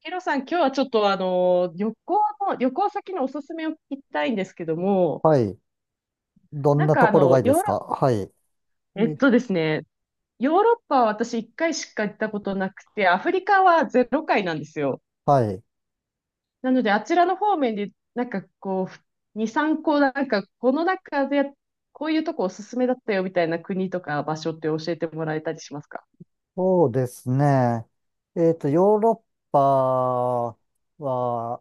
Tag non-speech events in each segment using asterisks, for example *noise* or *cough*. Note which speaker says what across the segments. Speaker 1: ヒロさん、今日はちょっと旅行先のおすすめを聞きたいんですけども、
Speaker 2: はい。どん
Speaker 1: なん
Speaker 2: なと
Speaker 1: かあ
Speaker 2: ころ
Speaker 1: の、
Speaker 2: がいいで
Speaker 1: ヨーロ、
Speaker 2: すか。はい。
Speaker 1: えっ
Speaker 2: え
Speaker 1: とですね、ヨーロッパは私一回しか行ったことなくて、アフリカはゼロ回なんですよ。
Speaker 2: はい。
Speaker 1: なので、あちらの方面で、2、3個、この中で、こういうとこおすすめだったよみたいな国とか場所って教えてもらえたりしますか？
Speaker 2: そうですね。ヨーロッパは、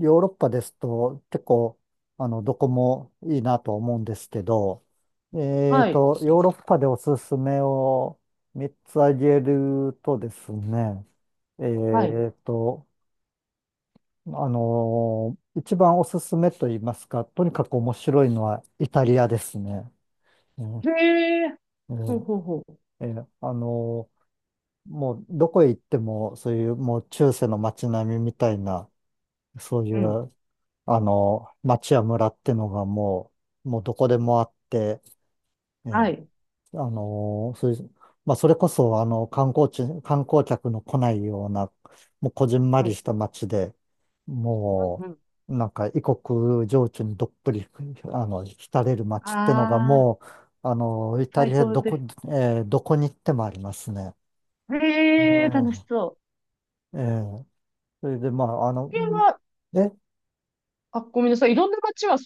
Speaker 2: ヨーロッパですと結構、どこもいいなと思うんですけど、
Speaker 1: はい。
Speaker 2: ヨーロッパでおすすめを3つ挙げるとですね。
Speaker 1: はい。
Speaker 2: えっと、あの一番おすすめと言いますか、とにかく面白いのはイタリアですね。うん
Speaker 1: へえ。
Speaker 2: う
Speaker 1: ほう
Speaker 2: ん
Speaker 1: ほうほう。
Speaker 2: ええ、もうどこへ行っても、そういうもう中世の街並みみたいな、そうい
Speaker 1: うん。
Speaker 2: う、町や村ってのがもうどこでもあって、え
Speaker 1: は
Speaker 2: え、
Speaker 1: い。
Speaker 2: そういう、まあ、それこそ、観光客の来ないような、もうこじんま
Speaker 1: は
Speaker 2: り
Speaker 1: い。
Speaker 2: した町で、
Speaker 1: う
Speaker 2: も
Speaker 1: んうん。
Speaker 2: う、なんか異国情緒にどっぷり、浸れる町ってのが
Speaker 1: ああ、
Speaker 2: もう、あの、イタ
Speaker 1: 最
Speaker 2: リア
Speaker 1: 高
Speaker 2: ど
Speaker 1: で
Speaker 2: こ、
Speaker 1: す。
Speaker 2: ええ、どこに行ってもありますね。ね
Speaker 1: へえ、楽
Speaker 2: え、
Speaker 1: しそう。
Speaker 2: ええ、それで、まあ、
Speaker 1: これは、
Speaker 2: え、
Speaker 1: あ、ごめんなさい。いろんな街は、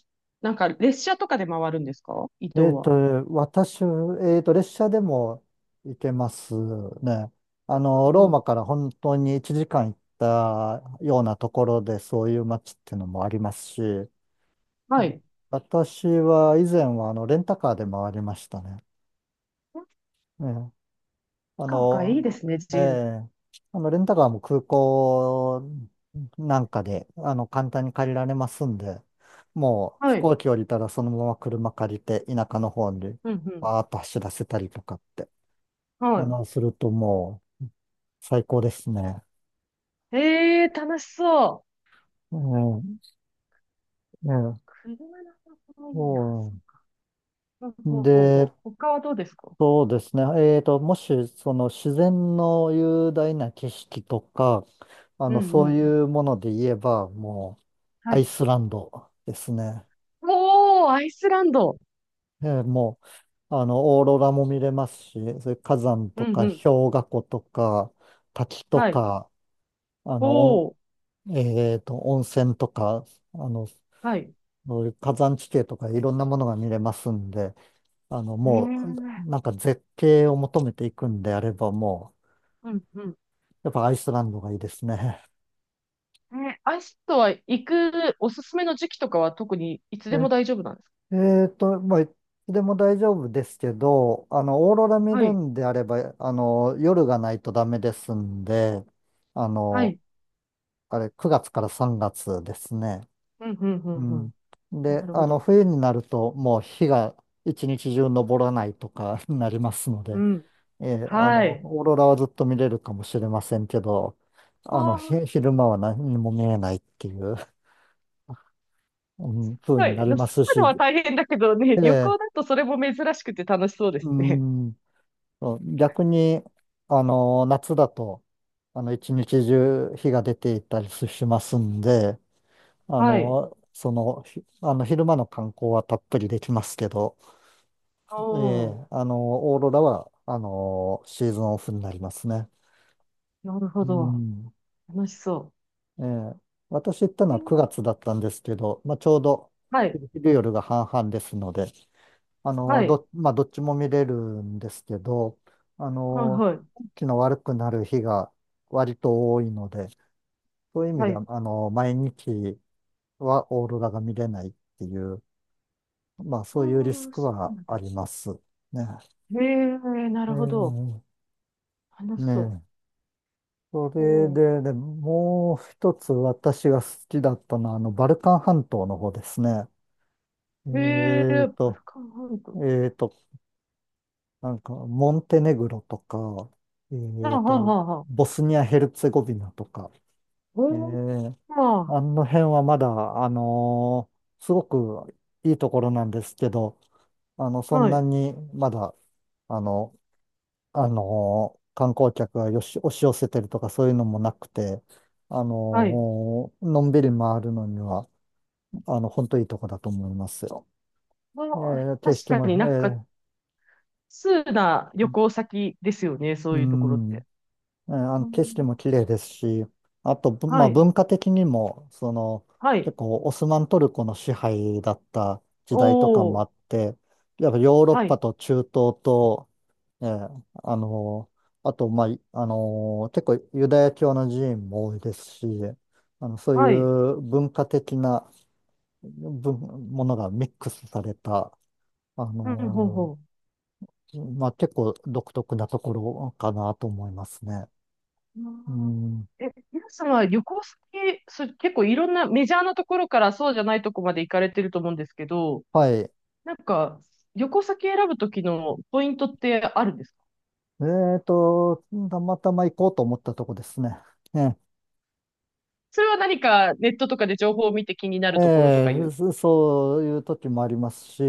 Speaker 1: 列車とかで回るんですか？伊
Speaker 2: え
Speaker 1: 東
Speaker 2: っと、
Speaker 1: は。
Speaker 2: 私、列車でも行けますね。
Speaker 1: う。んうん
Speaker 2: ロー
Speaker 1: うん。
Speaker 2: マから本当に1時間行ったようなところで、そういう街っていうのもありますし、う
Speaker 1: は
Speaker 2: ん、
Speaker 1: い。
Speaker 2: 私は以前は、レンタカーで回りましたね。
Speaker 1: サッ
Speaker 2: あ
Speaker 1: カーがいい
Speaker 2: の、
Speaker 1: ですね、
Speaker 2: え
Speaker 1: 自由で。
Speaker 2: え、レンタカーも空港なんかで、簡単に借りられますんで、もう飛
Speaker 1: はい。
Speaker 2: 行機降りたらそのまま車借りて、田舎の方に
Speaker 1: うんうん。
Speaker 2: バーッと走らせたりとかって、
Speaker 1: は
Speaker 2: するともう最高ですね。
Speaker 1: い。ええ、楽しそう。
Speaker 2: ええ、ええ、
Speaker 1: 車の方法
Speaker 2: そ
Speaker 1: いいな。そうか。ほうほ
Speaker 2: う。
Speaker 1: うほうほう。
Speaker 2: で、
Speaker 1: 他はどうですか？
Speaker 2: そうですね。もし、その自然の雄大な景色とか、
Speaker 1: うん
Speaker 2: そう
Speaker 1: うん。
Speaker 2: いうもので言えば、もう、
Speaker 1: は
Speaker 2: アイ
Speaker 1: い。
Speaker 2: スランドですね。
Speaker 1: おー、アイスランド。
Speaker 2: えーもう、あの、オーロラも見れますし、それ火山
Speaker 1: う
Speaker 2: と
Speaker 1: ん
Speaker 2: か
Speaker 1: うん。
Speaker 2: 氷河湖とか滝と
Speaker 1: はい。
Speaker 2: か、あの、お
Speaker 1: ほう。
Speaker 2: 温泉とか、あの、
Speaker 1: はい。へ
Speaker 2: そういう火山地形とかいろんなものが見れますんで、
Speaker 1: え。
Speaker 2: もう、
Speaker 1: う
Speaker 2: なんか絶景を求めていくんであれば、もう、
Speaker 1: んうん。
Speaker 2: やっぱアイスランドがいいですね。
Speaker 1: え、アイスとは行くおすすめの時期とかは特にいつでも
Speaker 2: え
Speaker 1: 大丈夫なんですか？
Speaker 2: まあ、いつでも大丈夫ですけど、オーロラ見
Speaker 1: は
Speaker 2: る
Speaker 1: い。
Speaker 2: んであれば、夜がないとダメですんで、あ
Speaker 1: は
Speaker 2: の、
Speaker 1: い。
Speaker 2: あれ、9月から3月ですね。
Speaker 1: うん、うん、う
Speaker 2: う
Speaker 1: ん、うん。
Speaker 2: ん。
Speaker 1: な
Speaker 2: で、
Speaker 1: るほど。
Speaker 2: 冬になると、もう日が一日中昇らないとか *laughs* になりますの
Speaker 1: う
Speaker 2: で、
Speaker 1: ん。
Speaker 2: ええ、
Speaker 1: はい。
Speaker 2: オーロラはずっと見れるかもしれませんけど、
Speaker 1: わあ、
Speaker 2: 昼間は何にも見えないっていう、う
Speaker 1: す
Speaker 2: ん、風
Speaker 1: ご
Speaker 2: に
Speaker 1: い。
Speaker 2: な
Speaker 1: で
Speaker 2: り
Speaker 1: も
Speaker 2: ま
Speaker 1: 住
Speaker 2: す
Speaker 1: むの
Speaker 2: し、
Speaker 1: は大変だけどね、
Speaker 2: え
Speaker 1: *laughs* 旅行
Speaker 2: え、
Speaker 1: だとそれも珍しくて楽しそうです
Speaker 2: う
Speaker 1: ね。
Speaker 2: ん。そう逆に、夏だと、一日中日が出ていたりしますんで、あ
Speaker 1: はい。
Speaker 2: の、その、ひあの、昼間の観光はたっぷりできますけど、え
Speaker 1: お
Speaker 2: え、
Speaker 1: ー、
Speaker 2: オーロラは、シーズンオフになりますね。
Speaker 1: なるほ
Speaker 2: う
Speaker 1: ど。
Speaker 2: ん。
Speaker 1: 楽しそ
Speaker 2: ええ、私行ったの
Speaker 1: う。へ
Speaker 2: は9
Speaker 1: ー。
Speaker 2: 月だったんですけど、まあ、ちょうど
Speaker 1: はい。
Speaker 2: 夜が半々ですので、
Speaker 1: はい。
Speaker 2: まあ、どっちも見れるんですけど、あ
Speaker 1: はい、
Speaker 2: の、
Speaker 1: はい。
Speaker 2: 天気の悪くなる日が割と多いので、そういう意味
Speaker 1: は
Speaker 2: で
Speaker 1: い。
Speaker 2: は、毎日はオーロラが見れないっていう、まあ、そういうリス
Speaker 1: おー、
Speaker 2: ク
Speaker 1: そう
Speaker 2: は
Speaker 1: なん
Speaker 2: あ
Speaker 1: だ。
Speaker 2: ります。ね。
Speaker 1: へえ、な
Speaker 2: え
Speaker 1: るほど。
Speaker 2: ー、
Speaker 1: 楽
Speaker 2: ね
Speaker 1: しそう。
Speaker 2: え。それ
Speaker 1: お
Speaker 2: で、で、もう一つ私が好きだったのは、バルカン半島の方ですね。え
Speaker 1: ー。へえ、バ
Speaker 2: ー
Speaker 1: ル
Speaker 2: と、
Speaker 1: カン半
Speaker 2: え
Speaker 1: 島。
Speaker 2: ーと、なんか、モンテネグロとか、え
Speaker 1: あ
Speaker 2: ー
Speaker 1: はあ
Speaker 2: と、
Speaker 1: はあ。
Speaker 2: ボスニア・ヘルツェゴビナとか、え
Speaker 1: おー、
Speaker 2: ー、
Speaker 1: まあ
Speaker 2: あの辺はまだ、あのーすごくいいところなんですけど、あの、
Speaker 1: ー。
Speaker 2: そん
Speaker 1: はい、
Speaker 2: なにまだ、あの、あのー観光客がよし、押し寄せてるとかそういうのもなくて、あ
Speaker 1: はい。
Speaker 2: のーのんびり回るのには、本当いいとこだと思いますよ。
Speaker 1: まあ
Speaker 2: え
Speaker 1: ー、
Speaker 2: ー、景色
Speaker 1: 確
Speaker 2: も、
Speaker 1: かに
Speaker 2: え
Speaker 1: 通な旅
Speaker 2: ー、
Speaker 1: 行先ですよね、そ
Speaker 2: う
Speaker 1: ういうところっ
Speaker 2: ん。
Speaker 1: て。
Speaker 2: えーあの
Speaker 1: うん。
Speaker 2: 景色も綺麗ですし、あと、ぶま
Speaker 1: は
Speaker 2: あ、
Speaker 1: い、
Speaker 2: 文化的にも、その、
Speaker 1: はい。
Speaker 2: 結構オスマントルコの支配だった時代とかも
Speaker 1: お
Speaker 2: あ
Speaker 1: ー、
Speaker 2: って、やっぱヨーロッ
Speaker 1: は
Speaker 2: パ
Speaker 1: い、
Speaker 2: と中東と、えーあのあと、まあ、いあの結構ユダヤ教の寺院も多いですし、そうい
Speaker 1: はい。
Speaker 2: う文化的なぶものがミックスされた、あ
Speaker 1: うん、ほう
Speaker 2: の
Speaker 1: ほ
Speaker 2: まあ、結構独特なところかなと思いますね。
Speaker 1: う。
Speaker 2: う
Speaker 1: あー
Speaker 2: ん、
Speaker 1: え、皆さんは旅行先、結構いろんなメジャーなところからそうじゃないとこまで行かれてると思うんですけど、
Speaker 2: はい。
Speaker 1: なんか、旅行先選ぶときのポイントってあるんですか？
Speaker 2: えーと、たまたま行こうと思ったとこですね。え
Speaker 1: それは何かネットとかで情報を見て気にな
Speaker 2: え、
Speaker 1: るところとかいう。
Speaker 2: そういう時もありますし、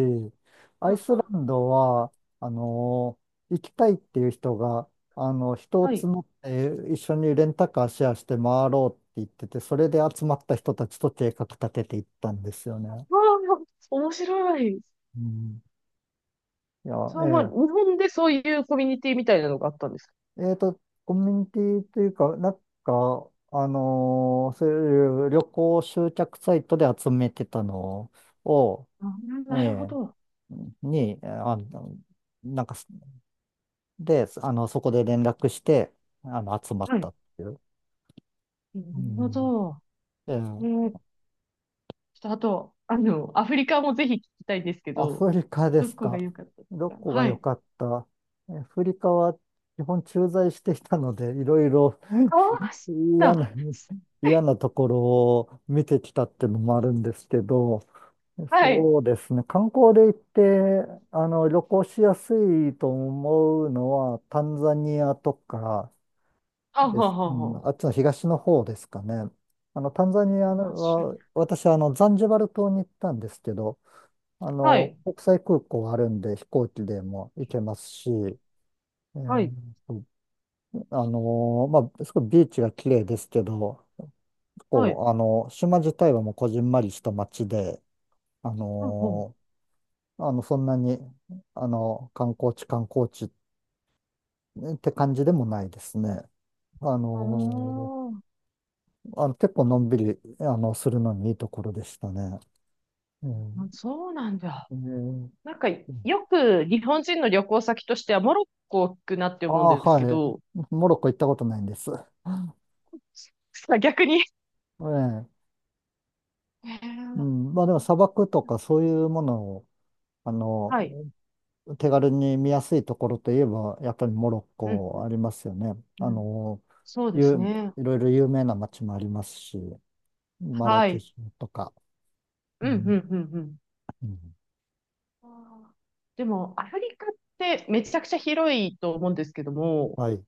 Speaker 1: う
Speaker 2: ア
Speaker 1: ん
Speaker 2: イスラ
Speaker 1: うん。
Speaker 2: ンドは、あの、行きたいっていう人が、人を
Speaker 1: はい。
Speaker 2: 募って一緒にレンタカーシェアして回ろうって言ってて、それで集まった人たちと計画立てていったんですよ
Speaker 1: わ
Speaker 2: ね。
Speaker 1: あ、面白い。
Speaker 2: うん、い
Speaker 1: そう、まあ、日
Speaker 2: や、ええ
Speaker 1: 本でそういうコミュニティみたいなのがあったんですか。
Speaker 2: えっと、コミュニティというか、なんか、あのーそういう旅行集客サイトで集めてたのを、
Speaker 1: あ、
Speaker 2: え
Speaker 1: なるほど。
Speaker 2: えに、あの、なんか、で、あの、そこで連絡して、集まっ
Speaker 1: は
Speaker 2: た
Speaker 1: い。
Speaker 2: っていう。
Speaker 1: なるほ
Speaker 2: う
Speaker 1: ど。
Speaker 2: ん。ええ、
Speaker 1: ちょっとあと、アフリカもぜひ聞きたいんですけ
Speaker 2: ア
Speaker 1: ど、
Speaker 2: フリカで
Speaker 1: ど
Speaker 2: す
Speaker 1: こ
Speaker 2: か。
Speaker 1: が良かったです
Speaker 2: ど
Speaker 1: か？
Speaker 2: こが
Speaker 1: は
Speaker 2: 良
Speaker 1: い。
Speaker 2: かった。アフリカは基本駐在していたので、いろいろ
Speaker 1: ああ、そう
Speaker 2: 嫌な、
Speaker 1: だ。
Speaker 2: *laughs* 嫌なところを見てきたってのもあるんですけど、
Speaker 1: はい。
Speaker 2: そうですね。観光で行って、旅行しやすいと思うのは、タンザニアとか
Speaker 1: あ
Speaker 2: で
Speaker 1: は
Speaker 2: す。う
Speaker 1: は
Speaker 2: ん、
Speaker 1: は。
Speaker 2: あっちの東の方ですかね。タンザニ
Speaker 1: 行
Speaker 2: ア
Speaker 1: きましょう。
Speaker 2: は、私、ザンジバル島に行ったんですけど、
Speaker 1: はい。
Speaker 2: 国際空港あるんで、飛行機でも行けますし、
Speaker 1: は
Speaker 2: ー
Speaker 1: い。
Speaker 2: とまあ、すごいビーチが綺麗ですけど、
Speaker 1: はい。
Speaker 2: 構、あの、島自体はもうこじんまりした町で、あ
Speaker 1: ほうほ
Speaker 2: のーあの、そんなに、あの、観光地、観光地って感じでもないですね。あ
Speaker 1: う。
Speaker 2: の結構のんびり、するのにいいところでしたね。う
Speaker 1: ああ、
Speaker 2: ん。
Speaker 1: そうなんだ。
Speaker 2: えー、
Speaker 1: よく日本人の旅行先としてはモロッコ行くなって
Speaker 2: あ
Speaker 1: 思うん
Speaker 2: あ、
Speaker 1: ですけ
Speaker 2: はい。
Speaker 1: ど、
Speaker 2: モロッコ行ったことないんです。え
Speaker 1: *laughs* 逆に。
Speaker 2: え、
Speaker 1: へ
Speaker 2: う
Speaker 1: ー。
Speaker 2: ん。まあでも砂漠とかそういうものを、あの、
Speaker 1: はい。
Speaker 2: 手軽に見やすいところといえば、やっぱりモロッ
Speaker 1: うん、う
Speaker 2: コあ
Speaker 1: ん、
Speaker 2: りますよね。あ
Speaker 1: うん。
Speaker 2: の、
Speaker 1: そうです
Speaker 2: ゆ
Speaker 1: ね。
Speaker 2: いろいろ有名な街もありますし、マラ
Speaker 1: は
Speaker 2: ケ
Speaker 1: い。
Speaker 2: シュとか。う
Speaker 1: うん、うん、う
Speaker 2: ん、
Speaker 1: ん、うん。
Speaker 2: うん。
Speaker 1: あーでも、アフリカってめちゃくちゃ広いと思うんですけども、
Speaker 2: はい。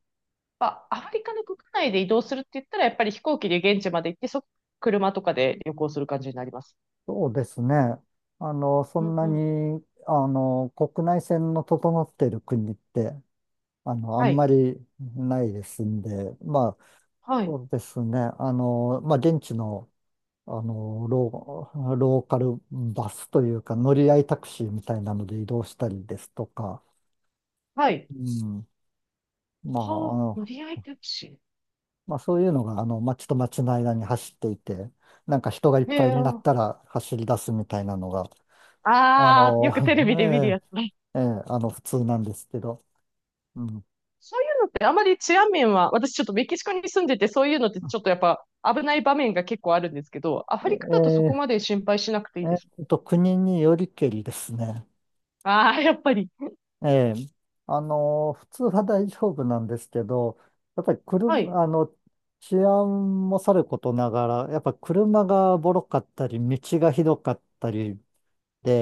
Speaker 1: やっぱアフリカの国内で移動するって言ったら、やっぱり飛行機で現地まで行って、車とかで旅行する感じになります。
Speaker 2: そうですね。あの、そ
Speaker 1: う
Speaker 2: ん
Speaker 1: ん
Speaker 2: な
Speaker 1: うん。
Speaker 2: に、あの、国内線の整っている国って、あの、あん
Speaker 1: は
Speaker 2: ま
Speaker 1: い。
Speaker 2: りないですんで、まあ、
Speaker 1: は
Speaker 2: そ
Speaker 1: い。
Speaker 2: うですね。まあ、現地のローカルバスというか、乗り合いタクシーみたいなので移動したりですとか、
Speaker 1: はい。
Speaker 2: うん、まあ、あ
Speaker 1: はあ、
Speaker 2: の
Speaker 1: 乗り合いタクシ
Speaker 2: まあ、そういうのが、街と街の間に走っていて、なんか人がいっ
Speaker 1: ー。へ
Speaker 2: ぱい
Speaker 1: え。
Speaker 2: になったら走り出すみたいなのが、あ
Speaker 1: ああ、
Speaker 2: の、
Speaker 1: よくテレビで見る
Speaker 2: *laughs*
Speaker 1: やつね。
Speaker 2: ええ、ええ、普通なんですけど、うん、
Speaker 1: そういうのってあまり治安面は、私ちょっとメキシコに住んでて、そういうのってちょっとやっぱ危ない場面が結構あるんですけど、アフリカだとそこ
Speaker 2: え
Speaker 1: まで心配しなくてい
Speaker 2: え
Speaker 1: いですか？
Speaker 2: 国によりけりですね。
Speaker 1: ああー、やっぱり。
Speaker 2: ええ、普通は大丈夫なんですけど、やっぱり
Speaker 1: はい。
Speaker 2: 車、あの、治安もさることながら、やっぱ車がボロかったり、道がひどかったり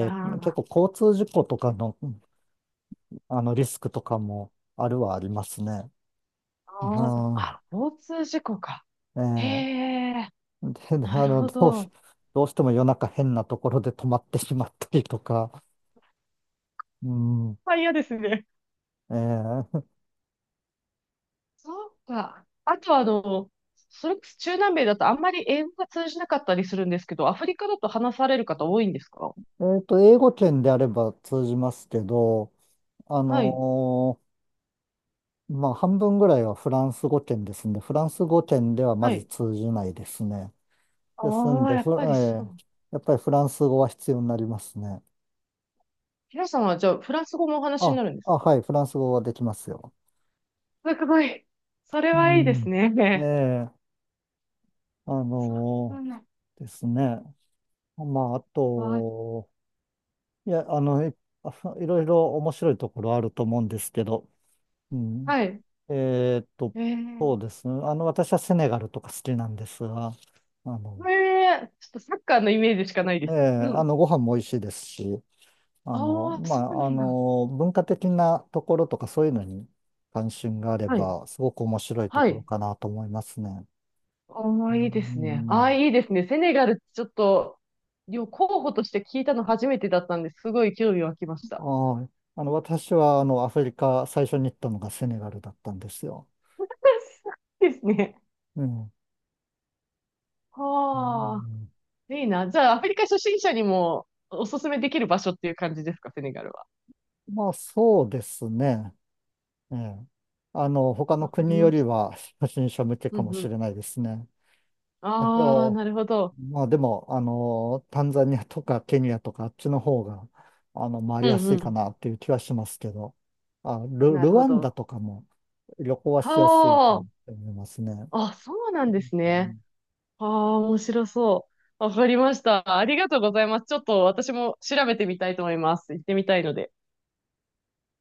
Speaker 1: あ
Speaker 2: 結
Speaker 1: ー
Speaker 2: 構交通事故とかの、あのリスクとかもあるはありますね。う
Speaker 1: あー、
Speaker 2: ん、
Speaker 1: あ交通事故か。へ
Speaker 2: え
Speaker 1: え、
Speaker 2: え、で、
Speaker 1: な
Speaker 2: あ
Speaker 1: る
Speaker 2: の、
Speaker 1: ほ
Speaker 2: どうし、
Speaker 1: ど。
Speaker 2: どうしても夜中変なところで止まってしまったりとか、うん、
Speaker 1: まあ嫌ですね。
Speaker 2: ええ、
Speaker 1: そうか。あとそれこそ中南米だとあんまり英語が通じなかったりするんですけど、アフリカだと話される方多いんですか？
Speaker 2: 英語圏であれば通じますけど、あ
Speaker 1: はい、
Speaker 2: のーまあ、半分ぐらいはフランス語圏ですんで、フランス語圏ではま
Speaker 1: は
Speaker 2: ず
Speaker 1: い。
Speaker 2: 通じないですね。です
Speaker 1: あ
Speaker 2: ん
Speaker 1: あ、
Speaker 2: で、
Speaker 1: や
Speaker 2: フ
Speaker 1: っぱり
Speaker 2: ラえ
Speaker 1: そ
Speaker 2: ー
Speaker 1: う。
Speaker 2: やっぱりフランス語は必要になりますね。
Speaker 1: 皆さんはじゃあ、フランス語もお話に
Speaker 2: あ、
Speaker 1: なるんで
Speaker 2: あ、
Speaker 1: す
Speaker 2: は
Speaker 1: か？
Speaker 2: い、フランス語はできますよ。
Speaker 1: すごい。それ
Speaker 2: う
Speaker 1: はいいです
Speaker 2: ん。え
Speaker 1: ね。
Speaker 2: え、あ
Speaker 1: そう
Speaker 2: の
Speaker 1: ん。
Speaker 2: ーですね。まあ、あ
Speaker 1: わ、
Speaker 2: と、いや、あの、い、あいろいろ面白いところあると思うんですけど、うん。
Speaker 1: はい。
Speaker 2: えーっと、
Speaker 1: え
Speaker 2: そ
Speaker 1: ー、
Speaker 2: うですね。私はセネガルとか好きなんですが、あ
Speaker 1: こ
Speaker 2: の、
Speaker 1: れ、ちょっとサッカーのイメージしかないで
Speaker 2: ええ、
Speaker 1: す。うん。
Speaker 2: ご飯も美味しいですし、
Speaker 1: ああ、そうなんだ。
Speaker 2: 文化的なところとかそういうのに関心があれ
Speaker 1: はい。
Speaker 2: ば、すごく面白いと
Speaker 1: は
Speaker 2: ころ
Speaker 1: い。
Speaker 2: かなと思いますね。
Speaker 1: あ
Speaker 2: う
Speaker 1: あ、いいですね。ああ、
Speaker 2: ん。
Speaker 1: いいですね。セネガルちょっと、候補として聞いたの初めてだったんですごい興味湧きまし
Speaker 2: あ
Speaker 1: た。
Speaker 2: あ、私は、アフリカ、最初に行ったのがセネガルだったんですよ。
Speaker 1: *laughs* ですね。
Speaker 2: うん。う
Speaker 1: はあ、
Speaker 2: ん、
Speaker 1: いいな。じゃあ、アフリカ初心者にもおすすめできる場所っていう感じですか、セネガルは。
Speaker 2: まあ、そうですね。ええ。他の
Speaker 1: わかり
Speaker 2: 国よ
Speaker 1: ま
Speaker 2: り
Speaker 1: した。
Speaker 2: は、初心者向け
Speaker 1: う
Speaker 2: か
Speaker 1: ん
Speaker 2: も
Speaker 1: う
Speaker 2: し
Speaker 1: ん。
Speaker 2: れないですね。あ
Speaker 1: ああ、
Speaker 2: と、
Speaker 1: なるほど。
Speaker 2: まあでも、タンザニアとかケニアとかあっちの方が、回
Speaker 1: う
Speaker 2: りや
Speaker 1: んう
Speaker 2: すいか
Speaker 1: ん。
Speaker 2: なっていう気はしますけど、
Speaker 1: なる
Speaker 2: ル
Speaker 1: ほ
Speaker 2: ワンダ
Speaker 1: ど。
Speaker 2: とかも旅行はしやすいかなっ
Speaker 1: は
Speaker 2: て思いますね。
Speaker 1: あ。あ、そうなんで
Speaker 2: う
Speaker 1: すね。
Speaker 2: ん
Speaker 1: ああ、面白そう。わかりました。ありがとうございます。ちょっと私も調べてみたいと思います。行ってみたいので。